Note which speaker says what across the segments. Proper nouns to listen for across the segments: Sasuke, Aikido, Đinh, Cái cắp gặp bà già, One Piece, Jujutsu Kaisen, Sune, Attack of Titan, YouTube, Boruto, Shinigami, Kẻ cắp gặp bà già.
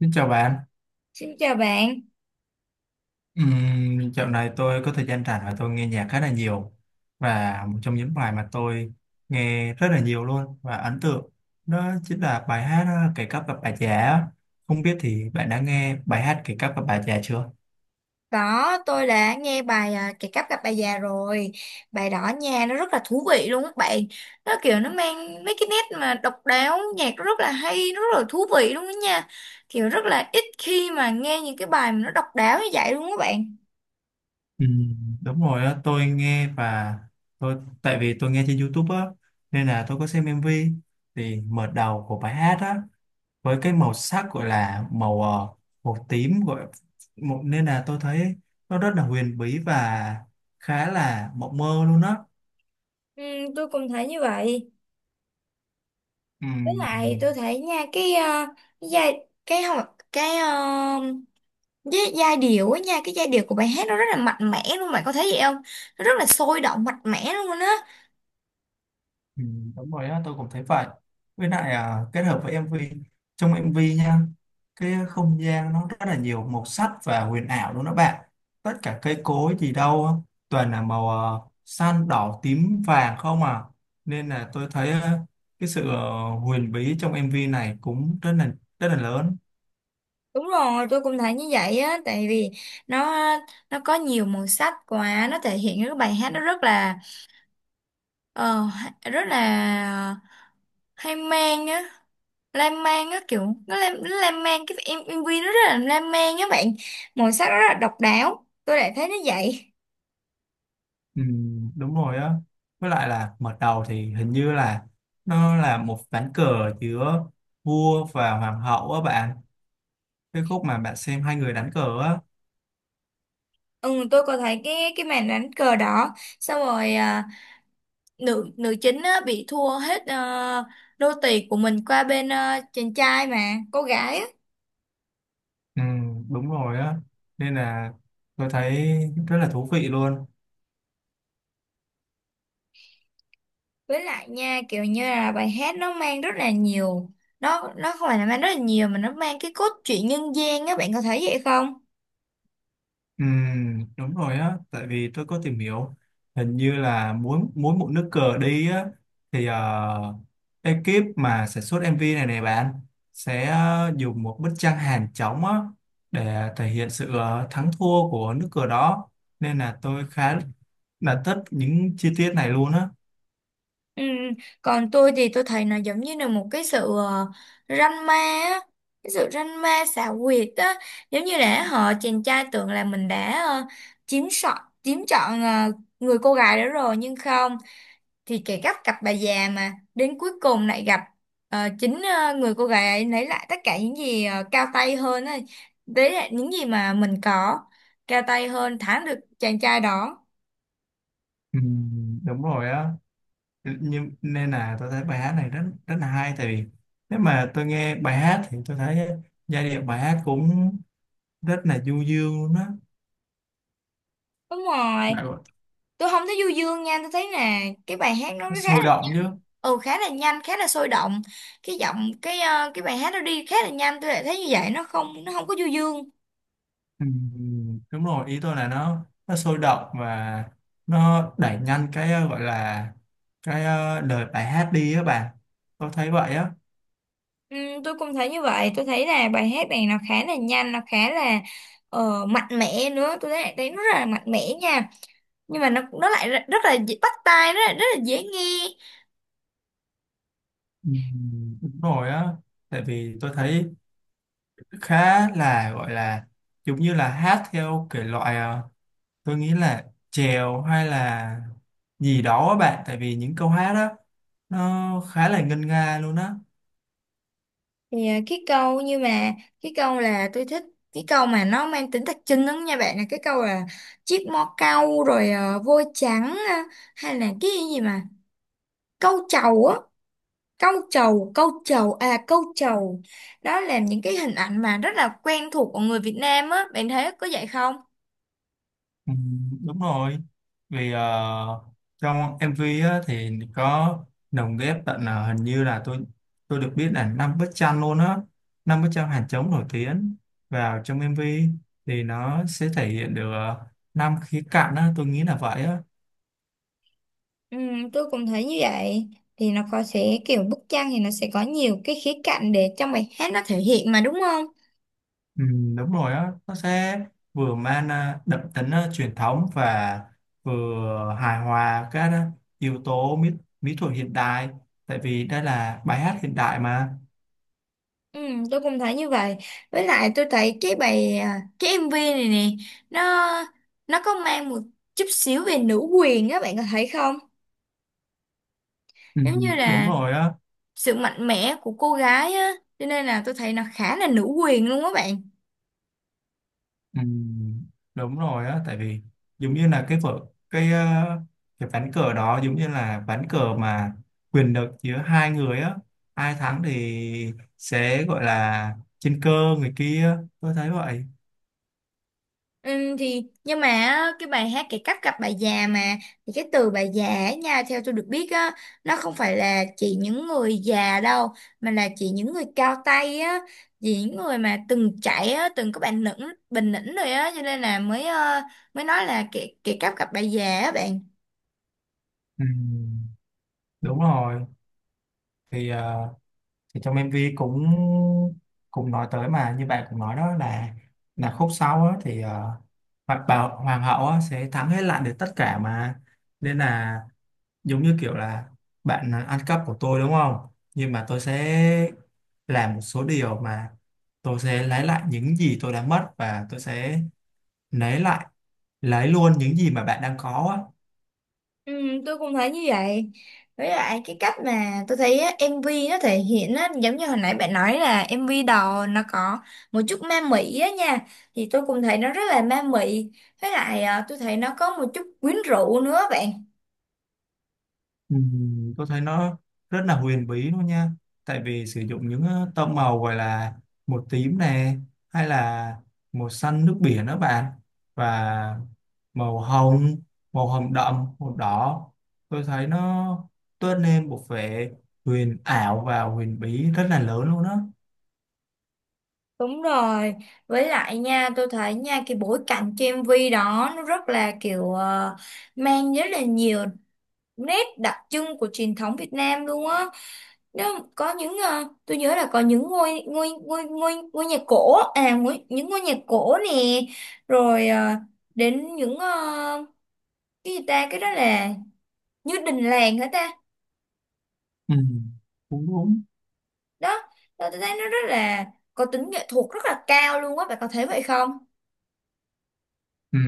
Speaker 1: Xin chào bạn.
Speaker 2: Xin chào bạn.
Speaker 1: Dạo này tôi có thời gian rảnh và tôi nghe nhạc khá là nhiều, và một trong những bài mà tôi nghe rất là nhiều luôn và ấn tượng đó chính là bài hát Cái cắp gặp bà già á. Không biết thì bạn đã nghe bài hát Cái cắp gặp bà già chưa?
Speaker 2: Đó, tôi đã nghe bài Kẻ cắp gặp bà già rồi. Bài đó nha, nó rất là thú vị luôn các bạn. Nó kiểu nó mang mấy cái nét mà độc đáo, nhạc nó rất là hay, nó rất là thú vị luôn đó nha. Kiểu rất là ít khi mà nghe những cái bài mà nó độc đáo như vậy luôn các bạn.
Speaker 1: Đúng rồi đó, tôi nghe và tôi tại vì tôi nghe trên YouTube á, nên là tôi có xem MV. Thì mở đầu của bài hát á, với cái màu sắc gọi là màu màu tím gọi một, nên là tôi thấy nó rất là huyền bí và khá là mộng mơ luôn đó.
Speaker 2: Ừ, tôi cũng thấy như vậy. Với
Speaker 1: Ừm,
Speaker 2: lại tôi thấy nha, cái à, cái giai cái không cái à, cái giai điệu á nha, cái giai điệu của bài hát nó rất là mạnh mẽ luôn, bạn có thấy vậy không? Nó rất là sôi động mạnh mẽ luôn á.
Speaker 1: Ừ, đúng rồi á, tôi cũng thấy vậy. Với lại à, kết hợp với MV, trong MV nha, cái không gian nó rất là nhiều màu sắc và huyền ảo luôn đó bạn. Tất cả cây cối gì đâu á, toàn là màu xanh, đỏ, tím, vàng không à. Nên là tôi thấy cái sự huyền bí trong MV này cũng rất là lớn.
Speaker 2: Đúng rồi, tôi cũng thấy như vậy á, tại vì nó nó có nhiều màu sắc quá, nó thể hiện cái bài hát nó rất là ờ, rất là hay mang á, lan man á kiểu nó lan man MV nó rất là lan man á bạn, màu sắc nó rất là độc đáo, tôi lại thấy nó vậy.
Speaker 1: Ừ, đúng rồi á. Với lại là mở đầu thì hình như là nó là một ván cờ giữa vua và hoàng hậu á bạn, cái khúc mà bạn xem hai người đánh cờ á.
Speaker 2: Ừ, tôi có thấy cái màn đánh cờ đó, xong rồi nữ nữ chính á, bị thua hết đô tì của mình qua bên chàng trai mà, cô gái á.
Speaker 1: Ừ, đúng rồi á, nên là tôi thấy rất là thú vị luôn.
Speaker 2: Với lại nha kiểu như là bài hát nó mang rất là nhiều, nó không phải là mang rất là nhiều mà nó mang cái cốt truyện nhân gian á, bạn có thấy vậy không?
Speaker 1: Ừ, đúng rồi á, tại vì tôi có tìm hiểu, hình như là mỗi mỗi một nước cờ đi á, thì ekip mà sản xuất MV này này bạn sẽ dùng một bức tranh hàng trống á để thể hiện sự thắng thua của nước cờ đó. Nên là tôi khá là thích những chi tiết này luôn á.
Speaker 2: Ừ. Còn tôi thì tôi thấy nó giống như là một cái sự ranh ma á, cái sự ranh ma xảo quyệt á, giống như là họ chàng trai tưởng là mình đã chiếm chọn người cô gái đó rồi nhưng không, thì kể gắt cặp bà già mà đến cuối cùng lại gặp chính người cô gái ấy lấy lại tất cả những gì cao tay hơn ấy. Đấy là những gì mà mình có cao tay hơn thắng được chàng trai đó.
Speaker 1: Ừ, đúng rồi á, nên là tôi thấy bài hát này rất rất là hay, tại vì nếu mà tôi nghe bài hát thì tôi thấy giai điệu bài hát cũng rất là du dương luôn á.
Speaker 2: Đúng rồi.
Speaker 1: Bạn- bảo
Speaker 2: Tôi không thấy du dương nha, tôi thấy là cái bài hát nó
Speaker 1: nó
Speaker 2: khá là,
Speaker 1: sôi động chứ.
Speaker 2: khá là nhanh khá là sôi động, cái giọng cái cái bài hát nó đi khá là nhanh, tôi lại thấy như vậy, nó không, nó không có du dương.
Speaker 1: Ừ, đúng rồi, ý tôi là nó sôi động và nó đẩy nhanh cái gọi là cái lời bài hát đi á bạn, tôi thấy vậy á.
Speaker 2: Ừ, tôi cũng thấy như vậy. Tôi thấy là bài hát này nó khá là nhanh, nó khá là mạnh mẽ nữa tôi thấy, thấy nó rất là mạnh mẽ nha, nhưng mà nó lại rất, rất là dễ- bắt tai, rất là dễ nghe.
Speaker 1: Ừ, đúng rồi á, tại vì tôi thấy khá là gọi là giống như là hát theo thể loại tôi nghĩ là chèo hay là gì đó á bạn, tại vì những câu hát đó nó khá là ngân nga luôn á.
Speaker 2: Thì cái câu như mà cái câu là tôi thích, cái câu mà nó mang tính đặc trưng lắm nha bạn, là cái câu là chiếc mõ cau rồi vôi trắng hay là cái gì mà câu trầu á, câu trầu à, câu trầu. Đó là những cái hình ảnh mà rất là quen thuộc của người Việt Nam á, bạn thấy có vậy không?
Speaker 1: Ừ, đúng rồi, vì trong MV á thì có lồng ghép tận hình như là tôi được biết là 5 bức tranh luôn á, 5 bức tranh hàng trống nổi tiếng vào trong MV. Thì nó sẽ thể hiện được 5 khía cạnh á, tôi nghĩ là vậy á.
Speaker 2: Ừ, tôi cũng thấy như vậy. Thì nó có sẽ kiểu bức tranh thì nó sẽ có nhiều cái khía cạnh để trong bài hát nó thể hiện mà đúng không?
Speaker 1: Ừ, đúng rồi á, nó sẽ vừa mang đậm tính truyền thống và vừa hài hòa các yếu tố mỹ, mỹ thuật hiện đại, tại vì đây là bài hát hiện đại mà.
Speaker 2: Ừ, tôi cũng thấy như vậy. Với lại tôi thấy cái MV này nè, nó nó có mang một chút xíu về nữ quyền á, bạn có thấy không?
Speaker 1: Ừ,
Speaker 2: Giống như
Speaker 1: đúng
Speaker 2: là
Speaker 1: rồi á
Speaker 2: sự mạnh mẽ của cô gái á, cho nên là tôi thấy nó khá là nữ quyền luôn á bạn.
Speaker 1: ừ, đúng rồi á, tại vì giống như là cái cái ván cờ đó giống như là ván cờ mà quyền lực giữa hai người á, ai thắng thì sẽ gọi là trên cơ người kia, tôi thấy vậy.
Speaker 2: Ừ, thì nhưng mà á, cái bài hát cái cách gặp bà già mà, thì cái từ bà già ấy nha theo tôi được biết á, nó không phải là chỉ những người già đâu, mà là chỉ những người cao tay á, chỉ những người mà từng trải á, từng có bản lĩnh bình lĩnh rồi á, cho nên là mới mới nói là cái cách gặp bà già á bạn.
Speaker 1: Ừ, đúng rồi. Thì thì trong MV cũng cũng nói tới mà, như bạn cũng nói đó là khúc sau á, thì hoặc bảo hoàng hậu á sẽ thắng hết, lại được tất cả mà. Nên là giống như kiểu là bạn ăn cắp của tôi đúng không, nhưng mà tôi sẽ làm một số điều mà tôi sẽ lấy lại những gì tôi đã mất, và tôi sẽ lấy lại lấy luôn những gì mà bạn đang có á.
Speaker 2: Ừ, tôi cũng thấy như vậy. Với lại cái cách mà tôi thấy á, MV nó thể hiện á, giống như hồi nãy bạn nói là MV đầu nó có một chút ma mị á nha, thì tôi cũng thấy nó rất là ma mị. Với lại tôi thấy nó có một chút quyến rũ nữa bạn.
Speaker 1: Tôi thấy nó rất là huyền bí luôn nha, tại vì sử dụng những tông màu gọi là một tím này, hay là màu xanh nước biển đó bạn, và màu hồng màu hồng đậm, màu đỏ. Tôi thấy nó tôn lên một vẻ huyền ảo và huyền bí rất là lớn luôn đó.
Speaker 2: Đúng rồi. Với lại nha tôi thấy nha, cái bối cảnh cho MV đó nó rất là kiểu mang rất là nhiều nét đặc trưng của truyền thống Việt Nam luôn á. Đó, có những tôi nhớ là có những ngôi ngôi ngôi ngôi ngôi nhà cổ à, ngôi, những ngôi nhà cổ nè, rồi đến những cái gì ta, cái đó là như đình làng hả ta.
Speaker 1: Ừ, đúng đúng.
Speaker 2: Đó, đó tôi thấy nó rất là có tính nghệ thuật rất là cao luôn á, bạn có thấy vậy không?
Speaker 1: Ừ,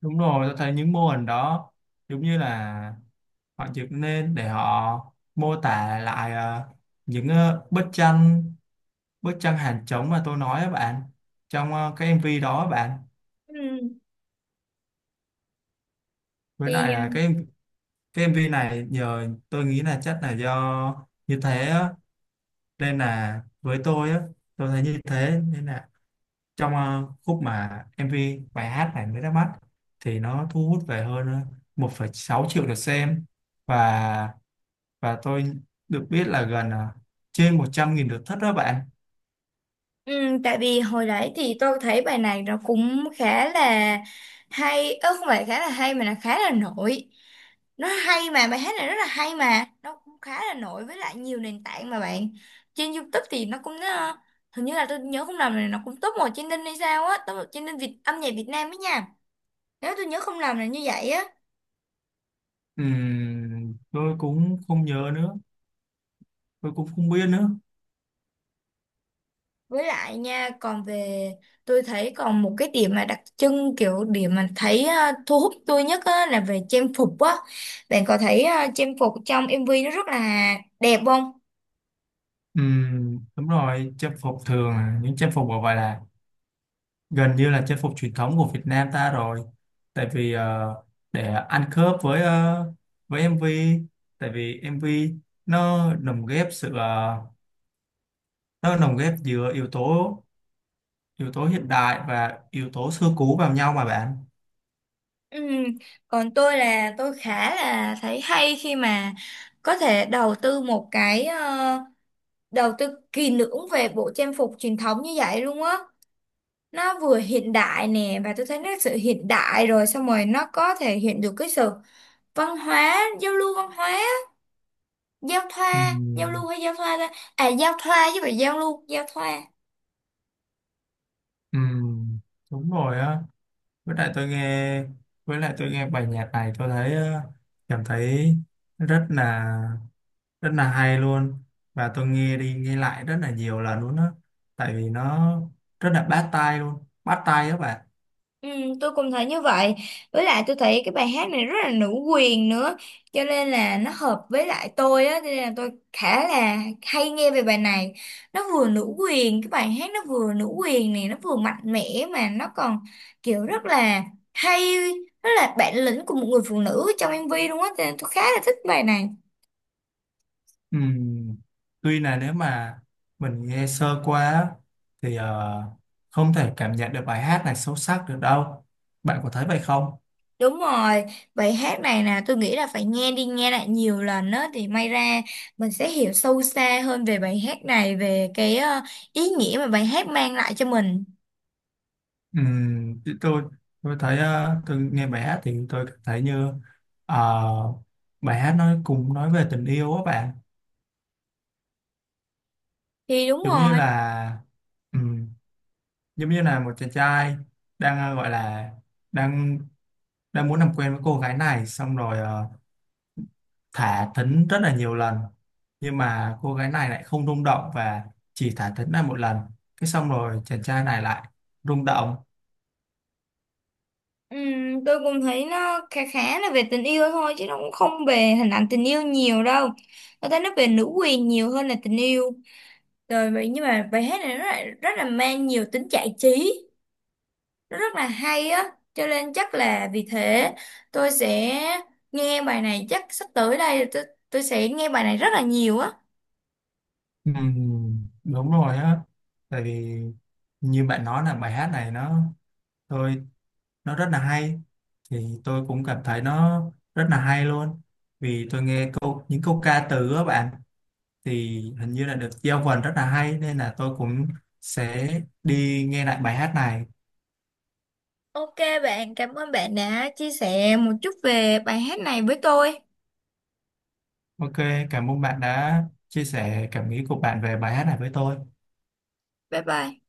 Speaker 1: đúng rồi, tôi thấy những mô hình đó giống như là họ dựng lên để họ mô tả lại những bức tranh, bức tranh hàng trống mà tôi nói á bạn, trong cái MV đó á bạn.
Speaker 2: Ừ.
Speaker 1: Với
Speaker 2: Thì
Speaker 1: lại là cái MV này nhờ, tôi nghĩ là chắc là do như thế á. Nên là với tôi á, tôi thấy như thế, nên là trong khúc mà MV bài hát này mới ra mắt thì nó thu hút về hơn 1,6 triệu lượt xem, và tôi được biết là gần trên 100.000 lượt thích đó bạn.
Speaker 2: ừ, tại vì hồi nãy thì tôi thấy bài này nó cũng khá là hay, ơ không phải khá là hay mà là khá là nổi. Nó hay mà, bài hát này rất là hay mà, nó cũng khá là nổi với lại nhiều nền tảng mà bạn. Trên YouTube thì nó cũng hình như là tôi nhớ không lầm là nó cũng top 1 trên Đinh hay sao á, top 1 trên Đinh Việt âm nhạc Việt Nam ấy nha. Nếu tôi nhớ không lầm là như vậy á.
Speaker 1: Tôi cũng không nhớ nữa, tôi cũng không biết nữa.
Speaker 2: Với lại nha, còn về tôi thấy còn một cái điểm mà đặc trưng kiểu điểm mà thấy thu hút tôi nhất á, là về trang phục á. Bạn có thấy trang phục trong MV nó rất là đẹp không?
Speaker 1: Đúng rồi, trang phục thường là những trang phục gọi là gần như là trang phục truyền thống của Việt Nam ta rồi, tại vì để ăn khớp với với MV, tại vì MV nó lồng ghép nó lồng ghép giữa yếu tố, yếu tố hiện đại và yếu tố xưa cũ vào nhau mà bạn.
Speaker 2: Ừ. Còn tôi là tôi khá là thấy hay khi mà có thể đầu tư một cái đầu tư kỳ lưỡng về bộ trang phục truyền thống như vậy luôn á. Nó vừa hiện đại nè, và tôi thấy nó sự hiện đại, rồi xong rồi nó có thể hiện được cái sự văn hóa giao lưu văn hóa, giao thoa giao
Speaker 1: Ừm,
Speaker 2: lưu hay giao thoa ta, à giao thoa chứ phải giao lưu, giao thoa.
Speaker 1: ừm, đúng rồi á. với lại tôi nghe với lại tôi nghe bài nhạc này tôi thấy cảm thấy rất là rất là hay luôn, và tôi nghe đi nghe lại rất là nhiều lần luôn á, tại vì nó rất là bắt tai luôn, bắt tai các bạn.
Speaker 2: Ừ, tôi cũng thấy như vậy. Với lại tôi thấy cái bài hát này rất là nữ quyền nữa, cho nên là nó hợp với lại tôi á, cho nên là tôi khá là hay nghe về bài này. Nó vừa nữ quyền, cái bài hát nó vừa nữ quyền này, nó vừa mạnh mẽ mà nó còn kiểu rất là hay, rất là bản lĩnh của một người phụ nữ trong MV luôn á, cho nên tôi khá là thích bài này.
Speaker 1: Ừm, tuy là nếu mà mình nghe sơ qua thì không thể cảm nhận được bài hát này sâu sắc được đâu, bạn có thấy vậy không?
Speaker 2: Đúng rồi, bài hát này nè tôi nghĩ là phải nghe đi nghe lại nhiều lần á thì may ra mình sẽ hiểu sâu xa hơn về bài hát này, về cái ý nghĩa mà bài hát mang lại cho mình.
Speaker 1: Ừ, thì tôi thấy tôi nghe bài hát thì tôi cảm thấy như ờ, bài hát nói về tình yêu á bạn,
Speaker 2: Thì đúng
Speaker 1: giống như
Speaker 2: rồi,
Speaker 1: là ừ, giống như là một chàng trai đang gọi là đang đang muốn làm quen với cô gái này, xong rồi thả thính rất là nhiều lần, nhưng mà cô gái này lại không rung động và chỉ thả thính lại một lần, cái xong rồi chàng trai này lại rung động.
Speaker 2: tôi cũng thấy nó khá, khá là về tình yêu thôi chứ nó cũng không về hình ảnh tình yêu nhiều đâu. Tôi thấy nó về nữ quyền nhiều hơn là tình yêu. Rồi vậy nhưng mà bài hát này nó lại rất là mang nhiều tính giải trí. Nó rất là hay á cho nên chắc là vì thế tôi sẽ nghe bài này, chắc sắp tới đây tôi sẽ nghe bài này rất là nhiều á.
Speaker 1: Ừ, đúng rồi á, tại vì như bạn nói là bài hát này tôi nó rất là hay, thì tôi cũng cảm thấy nó rất là hay luôn, vì tôi nghe những câu ca từ á bạn, thì hình như là được giao vần rất là hay, nên là tôi cũng sẽ đi nghe lại bài hát này.
Speaker 2: Ok bạn, cảm ơn bạn đã chia sẻ một chút về bài hát này với tôi.
Speaker 1: OK, cảm ơn bạn đã chia sẻ cảm nghĩ của bạn về bài hát này với tôi.
Speaker 2: Bye bye.